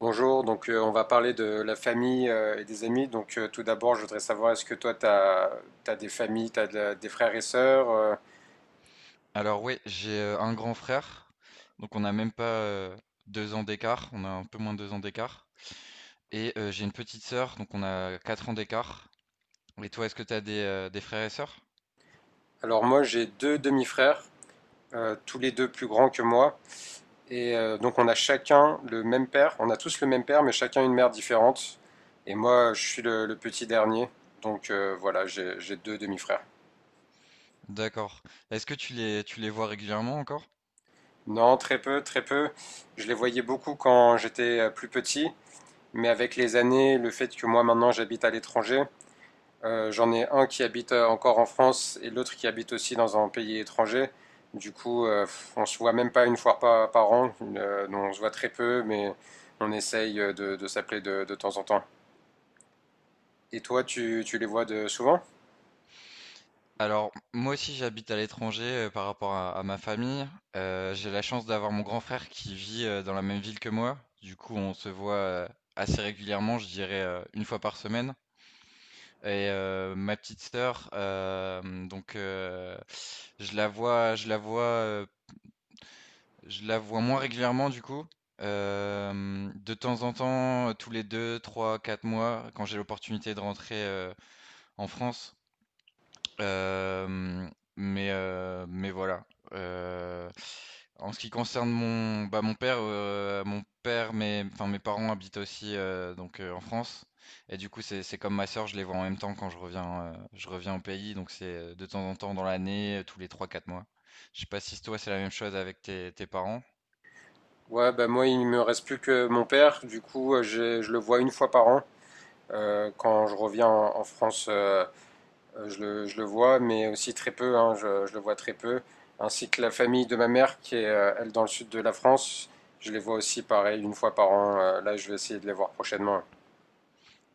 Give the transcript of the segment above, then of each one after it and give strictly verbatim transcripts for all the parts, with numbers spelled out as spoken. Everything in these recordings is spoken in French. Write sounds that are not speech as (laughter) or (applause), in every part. Bonjour, donc euh, on va parler de la famille euh, et des amis. Donc euh, tout d'abord, je voudrais savoir, est-ce que toi, tu as, t'as des familles, tu as de, des frères et sœurs euh Alors ouais, j'ai euh, un grand frère, donc on n'a même pas euh, deux ans d'écart, on a un peu moins de deux ans d'écart. Et euh, j'ai une petite sœur, donc on a quatre ans d'écart. Et toi, est-ce que tu as des, euh, des frères et sœurs? Alors moi, j'ai deux demi-frères, euh, tous les deux plus grands que moi. Et euh, donc on a chacun le même père, on a tous le même père, mais chacun une mère différente. Et moi, je suis le, le petit dernier. Donc euh, voilà, j'ai j'ai deux demi-frères. D'accord. Est-ce que tu les, tu les vois régulièrement encore? Non, très peu, très peu. Je les voyais beaucoup quand j'étais euh, plus petit. Mais avec les années, le fait que moi maintenant j'habite à l'étranger, Euh, j'en ai un qui habite euh, encore en France et l'autre qui habite aussi dans un pays étranger. Du coup, euh, on se voit même pas une fois par, par an. Euh, on se voit très peu, mais on essaye euh, de, de s'appeler de, de temps en temps. Et toi, tu, tu les vois de souvent? Alors, moi aussi, j'habite à l'étranger euh, par rapport à, à ma famille. Euh, j'ai la chance d'avoir mon grand frère qui vit euh, dans la même ville que moi. Du coup, on se voit euh, assez régulièrement, je dirais euh, une fois par semaine. Et euh, ma petite sœur, euh, donc euh, je la vois, je la vois, euh, je la vois moins régulièrement du coup. Euh, de temps en temps, tous les deux, trois, quatre mois, quand j'ai l'opportunité de rentrer euh, en France, Hem, mais heu, mais voilà, heu, en ce qui concerne mon bah, mon père, heu, mon père, mes enfin, mes parents habitent aussi, heu, donc heu, en France et du coup, c'est c'est comme ma sœur, je les vois en même temps quand je reviens, heu, je reviens au pays donc c'est, heu, de temps en temps dans l'année, heu, tous les trois quatre mois. Je sais pas si toi, c'est la même chose avec tes tes parents? Ouais, bah moi, il me reste plus que mon père. Du coup, euh, je le vois une fois par an. Euh, quand je reviens en, en France, euh, Euh, je le, je le vois, mais aussi très peu, hein, je, je le vois très peu. Ainsi que la famille de ma mère, qui est, euh, elle, dans le sud de la France. Je les vois aussi, pareil, une fois par an. Euh, là, je vais essayer de les voir prochainement.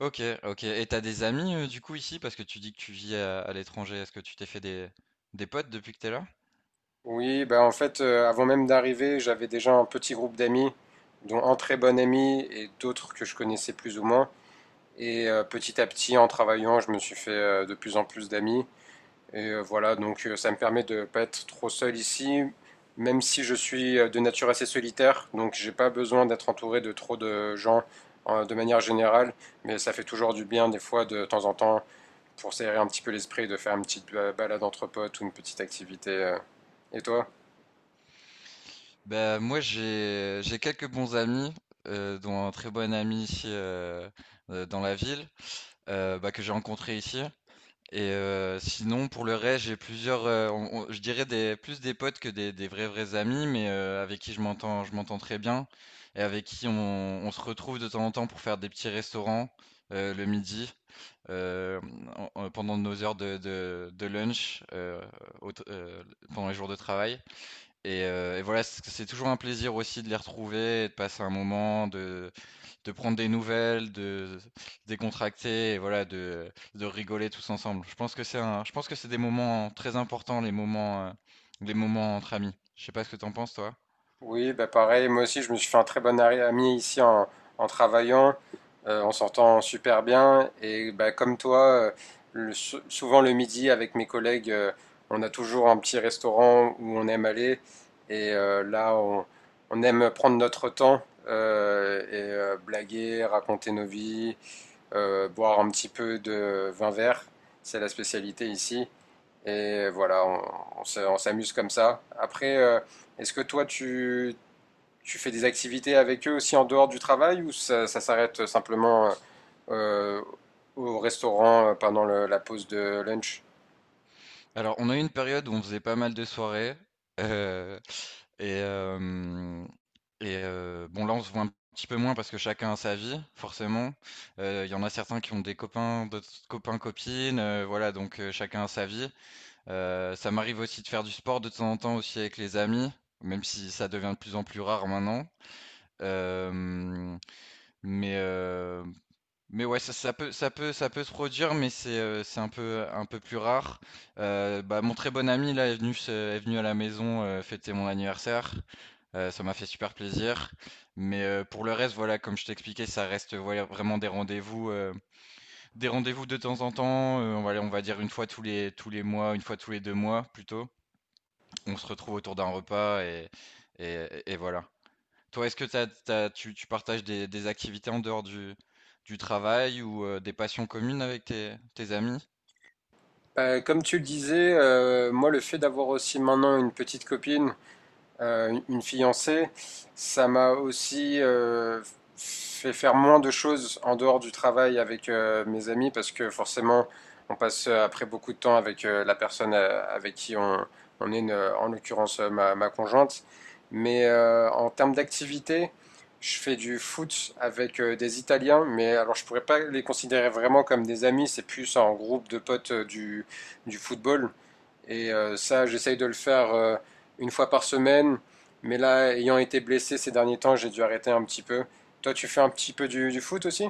Ok, ok. Et t'as des amis euh, du coup ici parce que tu dis que tu vis à, à l'étranger. Est-ce que tu t'es fait des, des potes depuis que t'es là? Oui, bah, en fait, euh, avant même d'arriver, j'avais déjà un petit groupe d'amis, dont un très bon ami et d'autres que je connaissais plus ou moins. Et euh, petit à petit, en travaillant, je me suis fait euh, de plus en plus d'amis. Et euh, voilà, donc euh, ça me permet de ne pas être trop seul ici, même si je suis euh, de nature assez solitaire, donc j'ai pas besoin d'être entouré de trop de gens euh, de manière générale, mais ça fait toujours du bien des fois de de temps en temps pour s'aérer un petit peu l'esprit, de faire une petite balade entre potes ou une petite activité. euh. Et toi? Bah moi j'ai j'ai quelques bons amis, euh, dont un très bon ami ici euh, euh, dans la ville, euh, bah, que j'ai rencontré ici. Et heu, sinon pour le reste, j'ai plusieurs, heu, on on je dirais des plus des potes que des des vrais, vrais amis, mais heu, avec qui je m'entends je m'entends très bien et avec qui on on se retrouve de temps en temps pour faire des petits restaurants, heu, le midi, heu, en en pendant nos heures de de de lunch, heu, au t heu, pendant les jours de travail et heu et voilà, c'est c'est toujours un plaisir aussi de les retrouver et de passer un moment de de prendre des nouvelles, de décontracter et voilà, de, de rigoler tous ensemble. Je pense que c'est un, je pense que c'est des moments très importants, les moments, euh, les moments entre amis. Je sais pas ce que t'en penses, toi. Oui, bah pareil, moi aussi je me suis fait un très bon ari- ami ici en, en travaillant, euh, en sortant super bien. Et bah, comme toi, euh, le- sou- souvent le midi avec mes collègues, euh, on a toujours un petit restaurant où on aime aller. Et euh, là, on, on aime prendre notre temps euh, et euh, blaguer, raconter nos vies, euh, boire un petit peu de vin vert. C'est la spécialité ici. Et voilà, on, on se- on s'amuse comme ça. Après, euh, est-ce que toi, tu tu fais des activités avec eux aussi en dehors du travail ou ça, ça s'arrête simplement euh, au restaurant euh, pendant le- la pause de lunch? Alors, on a eu une période où on faisait pas mal de soirées. euh, et euh, et euh, bon, là, on se voit un petit peu moins parce que chacun a sa vie, forcément. Euh, Il y en a certains qui ont des copains, d'autres copains, copines. Euh, voilà, donc euh, chacun a sa vie. Euh, ça m'arrive aussi de faire du sport de temps en temps aussi avec les amis, même si ça devient de plus en plus rare maintenant. Euh, mais euh, mais ouais, ça, ça peut ça peut ça peut se produire, mais c'est euh, c'est un peu un peu plus rare. Euh, bah, mon très bon ami là est venu se- est venu à la maison euh, fêter mon anniversaire. Euh, ça m'a fait super plaisir. Mais euh, pour le reste, voilà, comme je t'expliquais, ça reste voilà, vraiment des rendez-vous, euh, des rendez-vous de temps en temps. Euh, on va, on va dire une fois tous les tous les mois, une fois tous les deux mois plutôt. On se retrouve autour d'un repas et, et, et voilà. Toi, est-ce que t'as- t'as- tu, tu partages des, des activités en dehors du, du travail ou euh, des passions communes avec tes, tes amis? Euh, comme tu le disais, euh, moi le fait d'avoir aussi maintenant une petite copine euh, une fiancée, ça m'a aussi euh, fait faire moins de choses en dehors du travail avec euh, mes amis parce que forcément, on passe euh, après beaucoup de temps avec euh, la personne euh, avec qui on, on est, une- en l'occurrence euh, ma, ma conjointe. Mais euh, en termes d'activité, je fais du foot avec euh, des Italiens, mais alors je pourrais pas les considérer vraiment comme des amis, c'est plus en groupe de potes euh, du, du football. Et euh, ça, j'essaye de le faire euh, une fois par semaine. Mais là, ayant été blessé ces derniers temps, j'ai dû arrêter un petit peu. Toi, tu fais un petit peu du, du foot aussi?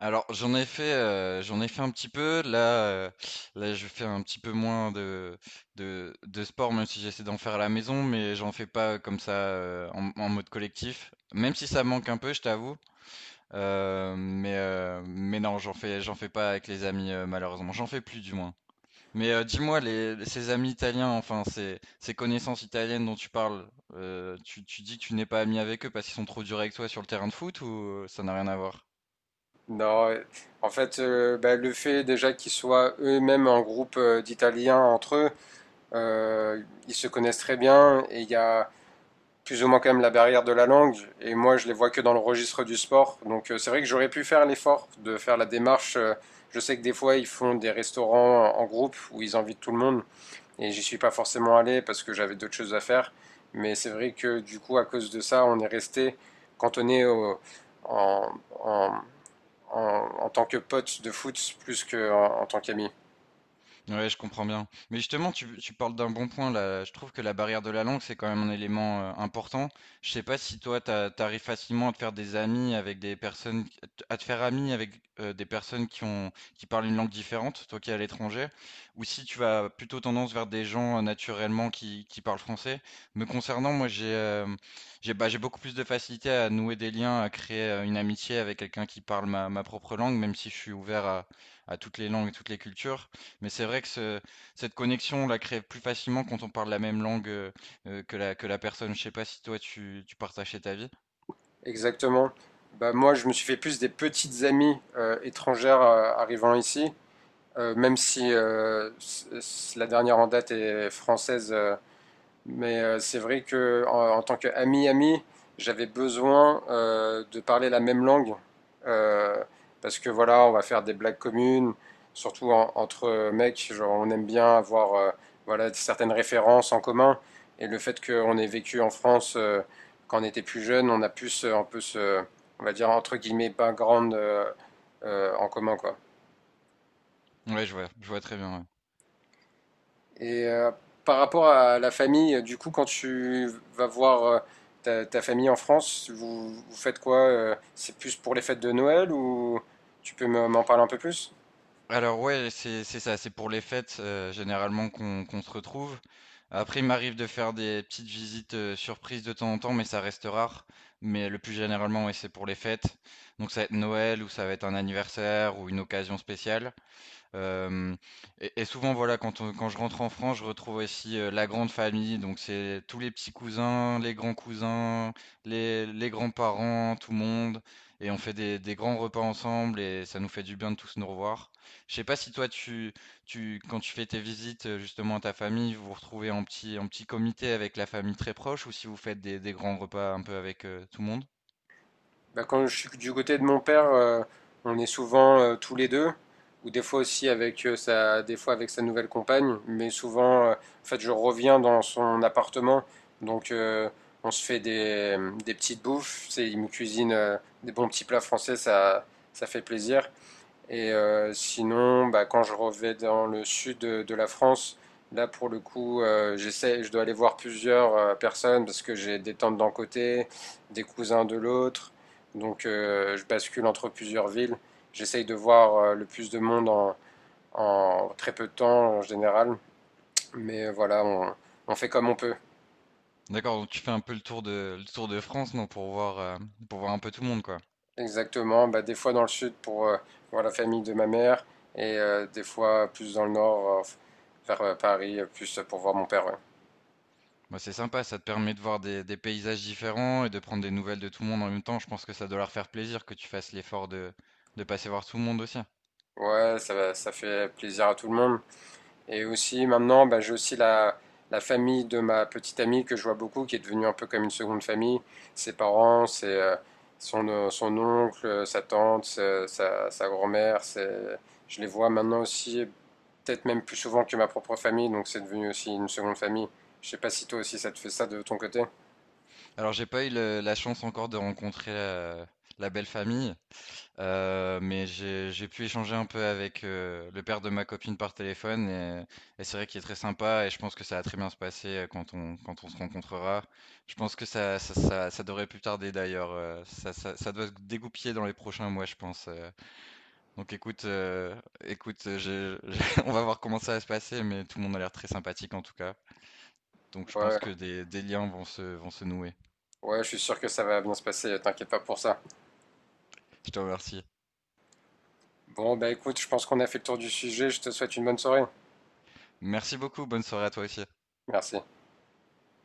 Alors, j'en ai fait, euh, j'en ai fait un petit peu. Là, euh, Là, je fais un petit peu moins de, de, de sport, même si j'essaie d'en faire à la maison, mais j'en fais pas comme ça euh, en, en mode collectif. Même si ça me manque un peu, je t'avoue. Euh, mais, euh, mais non, j'en fais, j'en fais pas avec les amis, euh, malheureusement. J'en fais plus, du moins. Mais euh, dis-moi, les, ces amis italiens, enfin ces, ces connaissances italiennes dont tu parles, euh, tu, tu dis que tu n'es pas ami avec eux parce qu'ils sont trop durs avec toi sur le terrain de foot ou ça n'a rien à voir? Non, euh, en fait, euh, bah, le fait déjà qu'ils soient eux-mêmes un groupe euh, d'Italiens entre eux, euh, ils se connaissent très bien et il y a plus ou moins quand même la barrière de la langue. Et moi, je les vois que dans le registre du sport. Donc, euh, c'est vrai que j'aurais pu faire l'effort de faire la démarche. Euh, je sais que des fois, ils font des restaurants en groupe où ils invitent tout le monde. Et j'y suis pas forcément allé parce que j'avais d'autres choses à faire. Mais c'est vrai que du coup, à cause de ça, on est resté cantonné au- en, en- en- en tant que pote de foot plus qu'en en tant qu'ami. Ouais, je comprends bien. Mais justement, tu, tu parles d'un bon point là. Je trouve que la barrière de la langue, c'est quand même un élément euh, important. Je sais pas si toi, t'as- t'arrives facilement à te faire des amis avec des personnes, à te faire ami avec euh, des personnes qui ont, qui parlent une langue différente, toi qui es à l'étranger, ou si tu vas plutôt tendance vers des gens euh, naturellement qui, qui parlent français. Me concernant, moi, j'ai, euh, j'ai, bah, j'ai beaucoup plus de facilité à nouer des liens, à créer euh, une amitié avec quelqu'un qui parle ma, ma propre langue, même si je suis ouvert à à toutes les langues et toutes les cultures. Mais c'est vrai que ce- cette connexion, on la crée plus facilement quand on parle la même langue euh, euh, que la, que la personne. Je sais pas si toi tu, tu partageais ta vie. Exactement. Bah, moi, je me suis fait plus des petites amies euh, étrangères euh, arrivant ici, Euh, même si euh, la dernière en date est française, euh, mais euh, c'est vrai que en, en tant qu'ami-ami, j'avais besoin euh, de parler la même langue. euh, Parce que voilà, on va faire des blagues communes, surtout en- entre mecs, genre, on aime bien avoir euh, voilà, certaines références en commun. Et le fait qu'on ait vécu en France euh, quand on était plus jeune, on a pu se, un peu se, on va dire, entre guillemets, background euh, euh, en commun, quoi. Ouais, je vois, je vois très bien. Ouais. Et euh, par rapport à la famille, du coup, quand tu vas voir euh, ta, ta famille en France, vous, vous faites quoi? euh, C'est plus pour les fêtes de Noël ou tu peux me- m'en parler un peu plus? Alors ouais, c'est c'est ça, c'est pour les fêtes euh, généralement qu'on qu'on se retrouve. Après, il m'arrive de faire des petites visites euh, surprises de temps en temps, mais ça reste rare. Mais le plus généralement, ouais, c'est pour les fêtes. Donc ça va être Noël ou ça va être un anniversaire ou une occasion spéciale. Euh, et, et souvent, voilà, quand, on- quand je rentre en France, je retrouve aussi euh, la grande famille. Donc, c'est tous les petits cousins, les grands cousins, les, les grands-parents, tout le monde. Et on fait des, des grands repas ensemble et ça nous fait du bien de tous nous revoir. Je sais pas si toi, tu, tu, quand tu fais tes visites euh, justement à ta famille, vous vous retrouvez en petit, en petit comité avec la famille très proche ou si vous faites des, des grands repas un peu avec euh, tout le monde. Bah, quand je suis du côté de mon père, euh, on est souvent euh, tous les deux, ou des fois aussi avec euh, sa, des fois avec sa nouvelle compagne, mais souvent, euh, en fait, je reviens dans son appartement, donc euh, on se fait des, des petites bouffes. C'est, il me cuisine euh, des bons petits plats français, ça, ça fait plaisir. Et euh, sinon, bah, quand je reviens dans le sud de, de la France, là pour le coup, euh, j'essaie, je dois aller voir plusieurs euh, personnes parce que j'ai des tantes d'un côté, des cousins de l'autre. Donc euh, je bascule entre plusieurs villes. J'essaye de voir euh, le plus de monde en, en très peu de temps en général. Mais euh, voilà, on, on fait comme on peut. D'accord, donc tu fais un peu le tour de, le tour de France, non, pour voir, euh, pour voir un peu tout le monde, quoi. Exactement. Bah, des fois dans le sud pour euh, voir la famille de ma mère et euh, des fois plus dans le nord euh, vers euh, Paris, euh, plus pour voir mon père. Ouais. Bah, c'est sympa, ça te permet de voir des, des paysages différents et de prendre des nouvelles de tout le monde en même temps. Je pense que ça doit leur faire plaisir que tu fasses l'effort de, de passer voir tout le monde aussi. Ouais, ça va- ça fait plaisir à tout le monde. Et aussi, maintenant, bah, j'ai aussi la, la famille de ma petite amie que je vois beaucoup, qui est devenue un peu comme une seconde famille. Ses parents, ses, euh, son, euh, son oncle, euh, sa tante, sa, sa- sa grand-mère. c'est- Je les vois maintenant aussi, peut-être même plus souvent que ma propre famille, donc c'est devenu aussi une seconde famille. Je sais pas si toi aussi ça te fait ça de ton côté. Alors, j'ai pas eu le- la chance encore de rencontrer la, la belle famille, euh, mais j'ai, j'ai pu échanger un peu avec euh, le père de ma copine par téléphone et, et c'est vrai qu'il est très sympa et je pense que ça va très bien se passer euh, quand on, quand on se rencontrera. Je pense que ça, ça, ça, ça devrait plus tarder d'ailleurs. Euh, Ça, ça, ça doit se dégoupiller dans les prochains mois, je pense. euh. Donc écoute, euh, écoute, euh, j'ai- j'ai- (laughs) on va voir comment ça va se passer, mais tout le monde a l'air très sympathique en tout cas. Donc je pense Ouais, que des, des liens vont se, vont se nouer. ouais, je suis sûr que ça va bien se passer, t'inquiète pas pour ça. Je te remercie. Bon, bah écoute, je pense qu'on a fait le tour du sujet, je te souhaite une bonne soirée. Merci beaucoup, bonne soirée à toi aussi. Merci.